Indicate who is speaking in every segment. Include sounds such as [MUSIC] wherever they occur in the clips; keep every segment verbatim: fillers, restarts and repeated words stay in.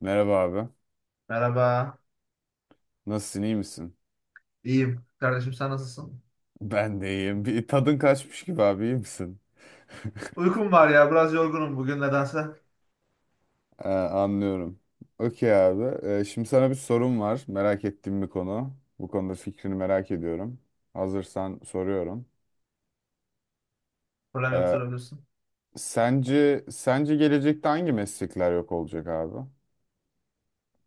Speaker 1: Merhaba abi.
Speaker 2: Merhaba.
Speaker 1: Nasılsın, iyi misin? [LAUGHS]
Speaker 2: İyiyim. Kardeşim sen nasılsın?
Speaker 1: Ben de iyiyim. Bir tadın kaçmış gibi abi, iyi misin? [LAUGHS]
Speaker 2: Uykum var ya. Biraz yorgunum bugün nedense.
Speaker 1: Ee, anlıyorum. Okey abi. Ee, şimdi sana bir sorum var. Merak ettiğim bir konu. Bu konuda fikrini merak ediyorum. Hazırsan soruyorum.
Speaker 2: Problem yok
Speaker 1: Ee,
Speaker 2: sorabilirsin.
Speaker 1: sence sence gelecekte hangi meslekler yok olacak abi?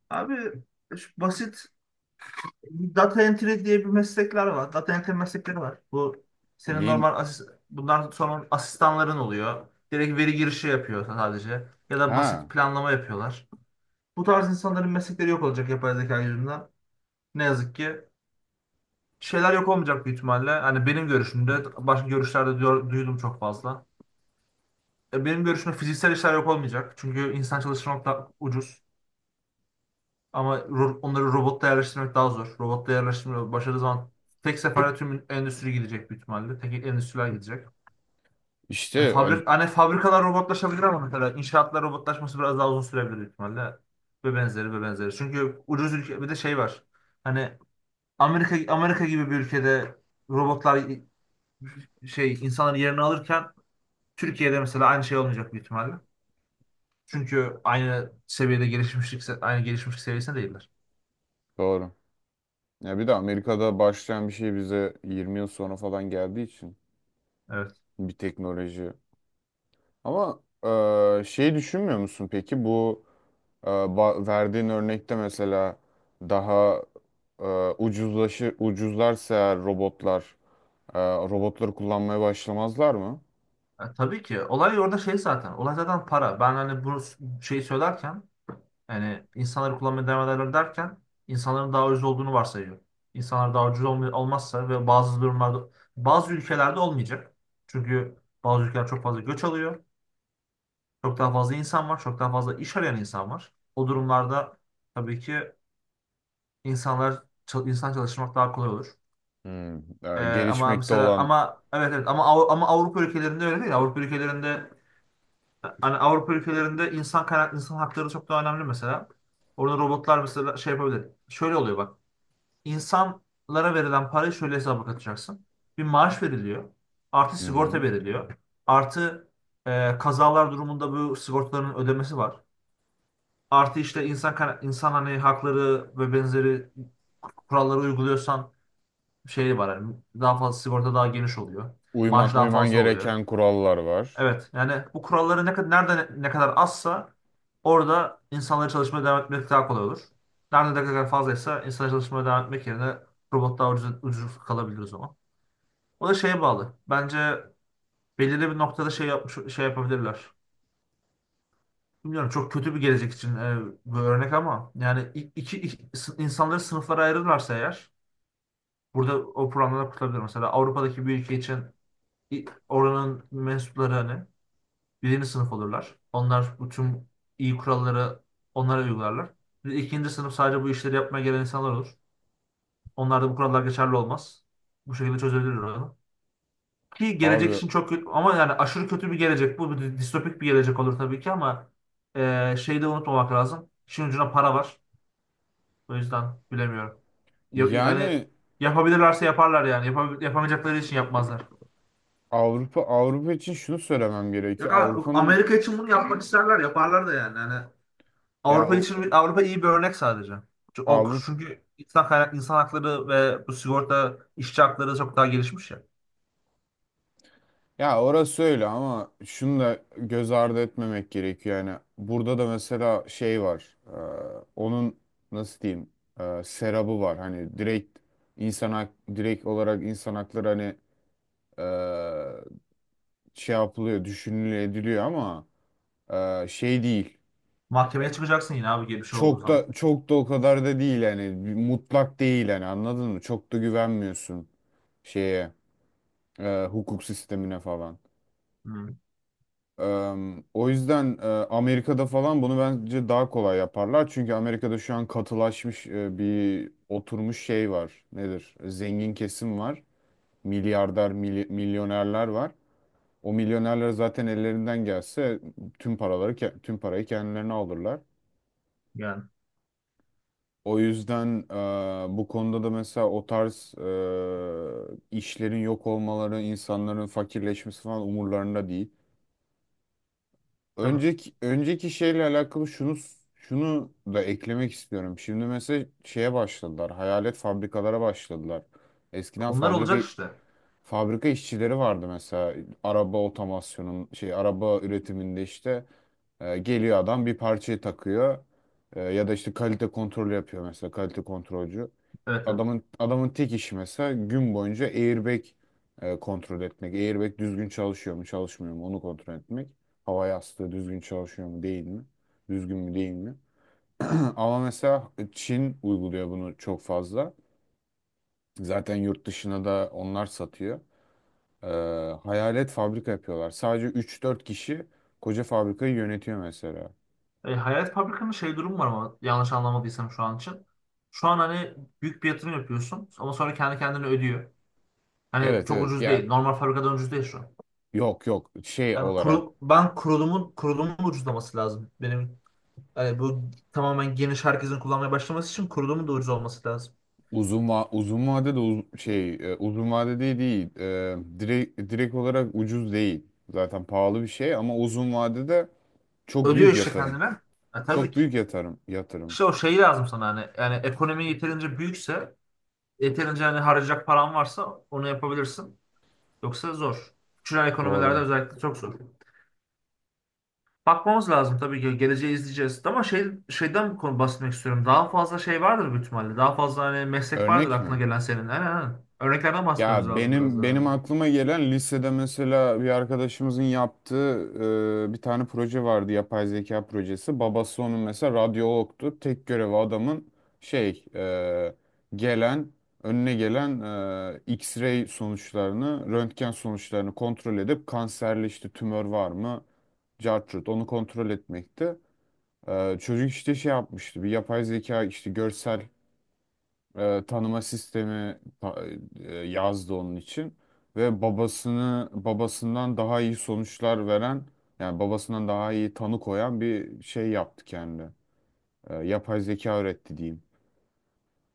Speaker 2: Abi şu basit data entry diye bir meslekler var. Data entry meslekleri var. Bu senin
Speaker 1: Neyim?
Speaker 2: normal asist bundan sonra asistanların oluyor. Direkt veri girişi yapıyor sadece. Ya da basit
Speaker 1: Ha,
Speaker 2: planlama yapıyorlar. Bu tarz insanların meslekleri yok olacak yapay zeka yüzünden. Ne yazık ki. Şeyler yok olmayacak büyük ihtimalle. Hani benim görüşümde başka görüşlerde diyor- duydum çok fazla. E, Benim görüşüm fiziksel işler yok olmayacak. Çünkü insan çalıştırmak da ucuz. Ama ro- onları robotta yerleştirmek daha zor. Robotta yerleştirmek başarılı zaman tek seferde tüm endüstri gidecek büyük ihtimalle. Tek endüstriler gidecek.
Speaker 1: işte
Speaker 2: Yani
Speaker 1: ac-
Speaker 2: fabrik, hani fabrikalar robotlaşabilir ama mesela inşaatlar robotlaşması biraz daha uzun sürebilir büyük ihtimalle. Ve benzeri ve benzeri. Çünkü ucuz ülke bir de şey var. Hani Amerika Amerika gibi bir ülkede robotlar şey insanların yerini alırken Türkiye'de mesela aynı şey olmayacak büyük ihtimalle. Çünkü aynı seviyede gelişmişlik, aynı gelişmişlik seviyesinde değiller.
Speaker 1: doğru. Ya bir de Amerika'da başlayan bir şey bize yirmi yıl sonra falan geldiği için
Speaker 2: Evet.
Speaker 1: bir teknoloji. Ama e, şey, düşünmüyor musun peki bu, e, ba- verdiğin örnekte mesela, daha e, ucuzlaşı ucuzlarsa eğer robotlar, e, robotları kullanmaya başlamazlar mı?
Speaker 2: Ha, tabii ki. Olay orada şey zaten. Olay zaten para. Ben hani bunu şey söylerken yani insanları kullanmaya devam ederler derken insanların daha ucuz olduğunu varsayıyorum. İnsanlar daha ucuz olma- olmazsa ve bazı durumlarda bazı ülkelerde olmayacak. Çünkü bazı ülkeler çok fazla göç alıyor. Çok daha fazla insan var. Çok daha fazla iş arayan insan var. O durumlarda tabii ki insanlar çal- insan çalıştırmak daha kolay olur.
Speaker 1: Hmm.
Speaker 2: Ee,
Speaker 1: E,
Speaker 2: ama
Speaker 1: gelişmekte
Speaker 2: mesela
Speaker 1: olan.
Speaker 2: ama evet evet ama Av- ama Avrupa ülkelerinde öyle değil. Avrupa ülkelerinde hani Avrupa ülkelerinde insan kaynak insan hakları çok daha önemli mesela. Orada robotlar mesela şey yapabilir. Şöyle oluyor bak. İnsanlara verilen parayı şöyle hesaba katacaksın. Bir maaş veriliyor. Artı
Speaker 1: Hı
Speaker 2: sigorta
Speaker 1: hı.
Speaker 2: veriliyor. Artı e, kazalar durumunda bu sigortaların ödemesi var. Artı işte insan kaynak- insan hani hakları ve benzeri kuralları uyguluyorsan şey var. Yani daha fazla sigorta daha geniş oluyor.
Speaker 1: uyman
Speaker 2: Maaş daha
Speaker 1: uyman
Speaker 2: fazla oluyor.
Speaker 1: gereken kurallar var.
Speaker 2: Evet yani bu kuralları ne kadar nerede ne kadar azsa orada insanların çalışmaya devam etmek daha kolay olur. Nerede ne kadar fazlaysa insanların çalışmaya devam etmek yerine robot daha ucuz, ucuz kalabilir o zaman. O da şeye bağlı. Bence belirli bir noktada şey yapmış şey yapabilirler. Bilmiyorum çok kötü bir gelecek için e, bir örnek ama yani i- iki, iki- sı- insanları sınıflara ayırırlarsa eğer burada o programları kurtarabilir. Mesela Avrupa'daki bir ülke için oranın mensupları hani birinci sınıf olurlar. Onlar bütün iyi kuralları onlara uygularlar. Bir de İkinci sınıf sadece bu işleri yapmaya gelen insanlar olur. Onlarda bu kurallar geçerli olmaz. Bu şekilde çözebilir onu. Ki gelecek
Speaker 1: Abi,
Speaker 2: için çok kötü ama yani aşırı kötü bir gelecek. Bu bir distopik bir gelecek olur tabii ki ama e, şeyi de unutmamak lazım. İşin ucuna para var. O yüzden bilemiyorum. Ya- yani
Speaker 1: yani
Speaker 2: yapabilirlerse yaparlar yani. Yapabil- yapamayacakları için yapmazlar.
Speaker 1: Avrupa Avrupa için şunu söylemem
Speaker 2: Yok,
Speaker 1: gerekiyor.
Speaker 2: ha-
Speaker 1: Avrupa'nın
Speaker 2: Amerika için bunu yapmak isterler. Yaparlar da yani. Yani
Speaker 1: ya
Speaker 2: Avrupa için Avrupa iyi bir örnek sadece. Çünkü O
Speaker 1: Avrupa
Speaker 2: çünkü insan kaynak insan hakları ve bu sigorta işçi hakları çok daha gelişmiş ya.
Speaker 1: Ya orası öyle ama şunu da göz ardı etmemek gerekiyor. Yani burada da mesela şey var. E, onun, nasıl diyeyim? E, serabı var. Hani direkt insan hak, direkt olarak insan hakları, hani e, şey yapılıyor, düşünülüyor, ediliyor ama e, şey değil.
Speaker 2: Mahkemeye çıkacaksın yine abi gibi bir şey olduğu
Speaker 1: Çok
Speaker 2: zaman.
Speaker 1: da çok da o kadar da değil yani. Bir mutlak değil yani, anladın mı? Çok da güvenmiyorsun şeye, e, hukuk sistemine falan.
Speaker 2: Hmm,
Speaker 1: Em, o yüzden e, Amerika'da falan bunu bence daha kolay yaparlar. Çünkü Amerika'da şu an katılaşmış, e, bir oturmuş şey var. Nedir? Zengin kesim var. Milyarder, mily- milyonerler var. O milyonerler zaten ellerinden gelse tüm paraları ke- tüm parayı kendilerine alırlar.
Speaker 2: yani
Speaker 1: O yüzden e, bu konuda da mesela o tarz e, işlerin yok olmaları, insanların fakirleşmesi falan umurlarında değil.
Speaker 2: tabii.
Speaker 1: Önceki önceki şeyle alakalı şunu şunu da eklemek istiyorum. Şimdi mesela şeye başladılar. Hayalet fabrikalara başladılar. Eskiden
Speaker 2: Onlar olacak
Speaker 1: fabrika
Speaker 2: işte.
Speaker 1: fabrika işçileri vardı mesela, araba otomasyonun şey, araba üretiminde işte, e, geliyor adam bir parçayı takıyor. E, ya da işte kalite kontrolü yapıyor mesela, kalite kontrolcü
Speaker 2: Evet evet.
Speaker 1: adamın adamın tek işi mesela gün boyunca airbag e, kontrol etmek. Airbag düzgün çalışıyor mu, çalışmıyor mu, onu kontrol etmek. Hava yastığı düzgün çalışıyor mu, değil mi? Düzgün mü, değil mi? [LAUGHS] [CLEARS THROAT] Ama mesela Çin uyguluyor bunu çok fazla. Zaten yurt dışına da onlar satıyor. Ee, hayalet fabrika yapıyorlar. Sadece üç dört kişi koca fabrikayı yönetiyor mesela.
Speaker 2: E, Hayat Fabrika'nın şey durumu var ama yanlış anlamadıysam şu an için. Şu an hani büyük bir yatırım yapıyorsun ama sonra kendi kendine ödüyor. Hani
Speaker 1: Evet
Speaker 2: çok
Speaker 1: evet
Speaker 2: ucuz değil.
Speaker 1: ya,
Speaker 2: Normal fabrikadan ucuz değil şu an.
Speaker 1: yok yok, şey
Speaker 2: Yani
Speaker 1: olarak...
Speaker 2: kuru, ben kurulumun kurulumun ucuzlaması lazım. Benim yani bu tamamen geniş herkesin kullanmaya başlaması için kurulumun da ucuz olması lazım.
Speaker 1: Uzun va uzun vade de, uz- şey e, uzun vade değil değil. E, direkt direkt olarak ucuz değil. Zaten pahalı bir şey ama uzun vadede çok
Speaker 2: Ödüyor
Speaker 1: büyük
Speaker 2: işte
Speaker 1: yatırım.
Speaker 2: kendine. E, tabii
Speaker 1: Çok
Speaker 2: ki.
Speaker 1: büyük yatırım yatırım.
Speaker 2: İşte o şey lazım sana hani. Yani ekonomi yeterince büyükse, yeterince hani harcayacak paran varsa onu yapabilirsin. Yoksa zor. Küçülen ekonomilerde
Speaker 1: Doğru.
Speaker 2: özellikle çok zor. Bakmamız lazım tabii ki. Geleceği izleyeceğiz. Ama şey, şeyden bir konu bahsetmek istiyorum. Daha fazla şey vardır büyük ihtimalle. Daha fazla hani meslek vardır
Speaker 1: Örnek mi?
Speaker 2: aklına gelen senin. Aynen aynen. Örneklerden bahsetmemiz
Speaker 1: Ya
Speaker 2: lazım biraz
Speaker 1: benim
Speaker 2: daha
Speaker 1: benim
Speaker 2: önce.
Speaker 1: aklıma gelen, lisede mesela bir arkadaşımızın yaptığı e, bir tane proje vardı, yapay zeka projesi. Babası onun mesela radyologtu. Tek görevi adamın, şey e, gelen önüne gelen e, X-ray sonuçlarını, röntgen sonuçlarını kontrol edip kanserli işte tümör var mı, cartrut onu kontrol etmekti. E, çocuk işte şey yapmıştı, bir yapay zeka işte görsel e, tanıma sistemi ta- e, yazdı onun için ve babasını babasından daha iyi sonuçlar veren, yani babasından daha iyi tanı koyan bir şey yaptı kendi. E, yapay zeka öğretti diyeyim.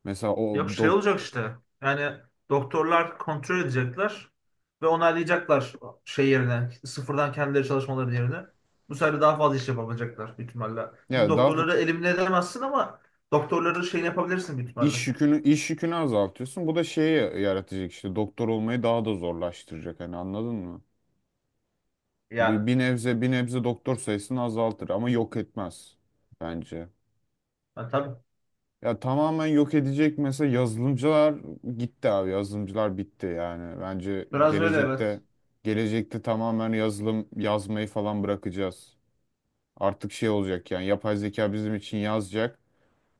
Speaker 1: Mesela o
Speaker 2: Yok şey
Speaker 1: dok
Speaker 2: olacak işte. Yani doktorlar kontrol edecekler ve onaylayacaklar şey yerine, sıfırdan kendileri çalışmaları yerine. Bu sefer de daha fazla iş yapabilecekler büyük ihtimalle.
Speaker 1: ya
Speaker 2: Çünkü
Speaker 1: daha f-
Speaker 2: doktorları elimine edemezsin ama doktorları şeyini yapabilirsin büyük ihtimalle.
Speaker 1: iş yükünü iş yükünü azaltıyorsun. Bu da şeyi yaratacak işte, doktor olmayı daha da zorlaştıracak, hani anladın mı? Bir,
Speaker 2: Yani.
Speaker 1: bir nebze bir nebze doktor sayısını azaltır ama yok etmez bence.
Speaker 2: Ha, tabii.
Speaker 1: Ya tamamen yok edecek mesela. Yazılımcılar gitti abi, yazılımcılar bitti yani, bence
Speaker 2: Biraz öyle
Speaker 1: gelecekte
Speaker 2: evet.
Speaker 1: gelecekte tamamen yazılım yazmayı falan bırakacağız. Artık şey olacak, yani yapay zeka bizim için yazacak.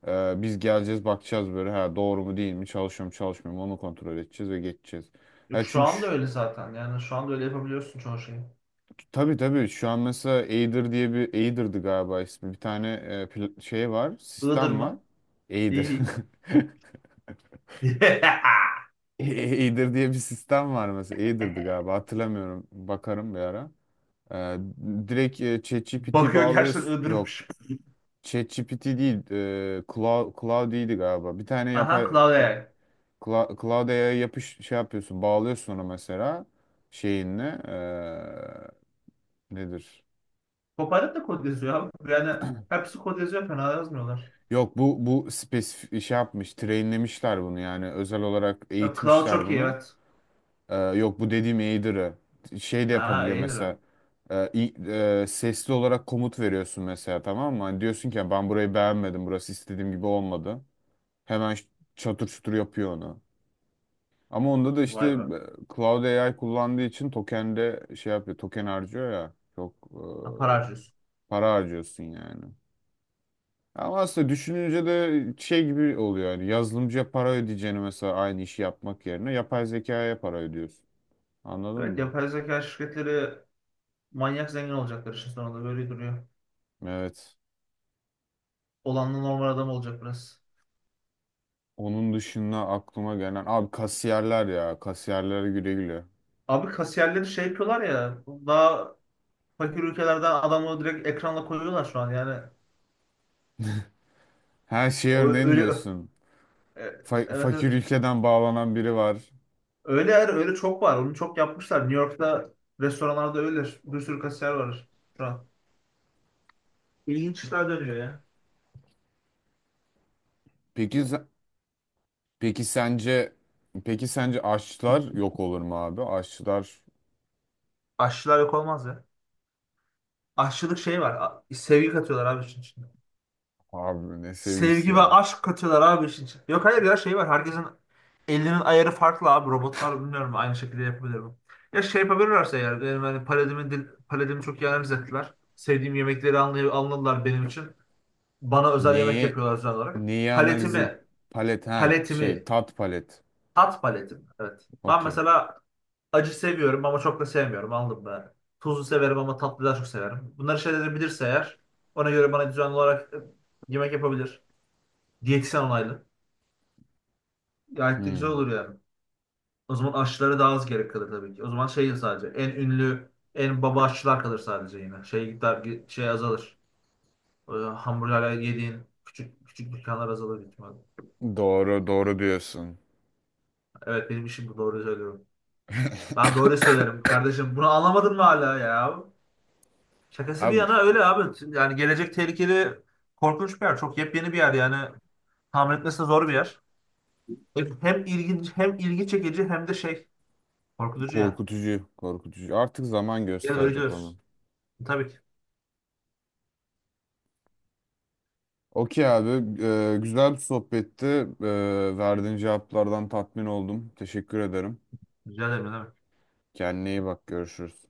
Speaker 1: Ee, biz geleceğiz, bakacağız böyle, ha doğru mu değil mi, çalışıyor mu çalışmıyor mu, onu kontrol edeceğiz ve geçeceğiz.
Speaker 2: Yok
Speaker 1: Ya
Speaker 2: şu
Speaker 1: çünkü
Speaker 2: anda
Speaker 1: şu-
Speaker 2: öyle zaten. Yani şu anda öyle yapabiliyorsun çoğu şeyi.
Speaker 1: tabii tabii şu an mesela Aider diye bir... Aider'dı galiba ismi, bir tane, e, pl- şey var
Speaker 2: Iğdır
Speaker 1: sistem var.
Speaker 2: mı?
Speaker 1: Aider.
Speaker 2: İyi.
Speaker 1: [LAUGHS]
Speaker 2: [LAUGHS]
Speaker 1: Eater diye bir sistem var mesela. Eater'dı galiba, hatırlamıyorum. Bakarım bir ara. Ee, direkt e, ChatGPT
Speaker 2: Bakıyor gerçekten
Speaker 1: bağlıyorsun. Yok,
Speaker 2: Iğdır'mış.
Speaker 1: ChatGPT değil. E, Cloud, Cloud'iydi galiba. Bir tane
Speaker 2: Aha
Speaker 1: yapay...
Speaker 2: Cloud A I.
Speaker 1: Cloud, Cloud A I yapış şey yapıyorsun. Bağlıyorsun ona mesela şeyinle. e, nedir?
Speaker 2: Copilot da kod yazıyor abi. Yani hepsi kod yazıyor fena yazmıyorlar.
Speaker 1: Yok, bu bu spesifik şey yapmış. Trainlemişler bunu yani. Özel olarak
Speaker 2: E, Cloud
Speaker 1: eğitmişler
Speaker 2: çok iyi
Speaker 1: bunu.
Speaker 2: evet.
Speaker 1: Ee, yok, bu dediğim Aider'ı. Şey de
Speaker 2: Ha
Speaker 1: yapabiliyor
Speaker 2: iyidir
Speaker 1: mesela.
Speaker 2: o.
Speaker 1: Ee, i- e, sesli olarak komut veriyorsun mesela, tamam mı? Hani diyorsun ki, ben burayı beğenmedim, burası istediğim gibi olmadı. Hemen ş- çatır çutur yapıyor onu. Ama onda da işte
Speaker 2: Vay be.
Speaker 1: e, Cloud A I kullandığı için tokende şey yapıyor. Token harcıyor ya. Çok
Speaker 2: Ha, para
Speaker 1: e,
Speaker 2: harcıyorsun.
Speaker 1: para harcıyorsun yani. Ama aslında düşününce de şey gibi oluyor yani, yazılımcıya para ödeyeceğini mesela aynı işi yapmak yerine, yapay zekaya para ödüyorsun. Anladın
Speaker 2: Evet
Speaker 1: mı?
Speaker 2: yapay zeka şirketleri manyak zengin olacaklar işin sonunda böyle duruyor.
Speaker 1: Evet.
Speaker 2: Olanla normal adam olacak biraz.
Speaker 1: Onun dışında aklıma gelen abi, kasiyerler ya, kasiyerlere güle güle.
Speaker 2: Abi kasiyerleri şey yapıyorlar ya daha fakir ülkelerden adamı direkt ekranla koyuyorlar şu an yani.
Speaker 1: Her şeye
Speaker 2: O,
Speaker 1: örneğin
Speaker 2: öyle
Speaker 1: diyorsun.
Speaker 2: e,
Speaker 1: Fa-
Speaker 2: evet
Speaker 1: fakir
Speaker 2: evet.
Speaker 1: ülkeden bağlanan biri var.
Speaker 2: Öyle yer öyle çok var. Onu çok yapmışlar. New York'ta restoranlarda öyle bir sürü kasiyer var şu an. İşler dönüyor ya.
Speaker 1: Peki se- peki sence peki sence aşçılar yok olur mu abi? Aşçılar...
Speaker 2: Aşçılar yok olmaz ya. Aşçılık şey var. A- sevgi katıyorlar abi işin içinde.
Speaker 1: Abi, ne sevgisi
Speaker 2: Sevgi ve
Speaker 1: ya.
Speaker 2: aşk katıyorlar abi işin içinde. Yok hayır ya şey var. Herkesin elinin ayarı farklı abi. Robotlar bilmiyorum aynı şekilde yapabilir mi? Ya şey yapabilirlerse eğer. Benim hani paladimi, dil, paletimi çok iyi analiz ettiler. Sevdiğim yemekleri anlay anladılar benim için. Bana özel yemek
Speaker 1: Neyi
Speaker 2: yapıyorlar özel olarak.
Speaker 1: neyi analiz et?
Speaker 2: Paletimi,
Speaker 1: Palet, ha, şey,
Speaker 2: paletimi,
Speaker 1: tat palet.
Speaker 2: tat paletimi. Evet. Ben
Speaker 1: Okey.
Speaker 2: mesela acı seviyorum ama çok da sevmiyorum. Anladın mı? Tuzlu severim ama tatlı daha çok severim. Bunları şeyleri bilirse eğer ona göre bana düzenli olarak e, yemek yapabilir. Diyetisyen onaylı. Gayet de güzel
Speaker 1: Hmm.
Speaker 2: olur yani. O zaman aşçılara daha az gerek kalır tabii ki. O zaman şey sadece en ünlü, en baba aşçılar kalır sadece yine. Şey gider şey azalır. O hamburgerler yediğin küçük küçük dükkanlar azalır büyük ihtimalle.
Speaker 1: Doğru doğru diyorsun.
Speaker 2: Evet benim işim bu doğru söylüyorum. Ben doğru söylerim kardeşim. Bunu anlamadın mı hala ya? Şakası bir
Speaker 1: Abi,
Speaker 2: yana öyle abi. Şimdi yani gelecek tehlikeli korkunç bir yer. Çok yepyeni bir yer yani. Tahmin etmesi de zor bir yer. Hem hem ilginç hem ilgi çekici hem de şey korkutucu yani.
Speaker 1: korkutucu korkutucu. Artık zaman
Speaker 2: Gel öyle
Speaker 1: gösterecek onu.
Speaker 2: diyoruz. Tabii ki.
Speaker 1: Okey abi. Ee, güzel bir sohbetti. Ee, verdiğin cevaplardan tatmin oldum. Teşekkür ederim.
Speaker 2: Rica ederim. Ne demek.
Speaker 1: Kendine iyi bak. Görüşürüz.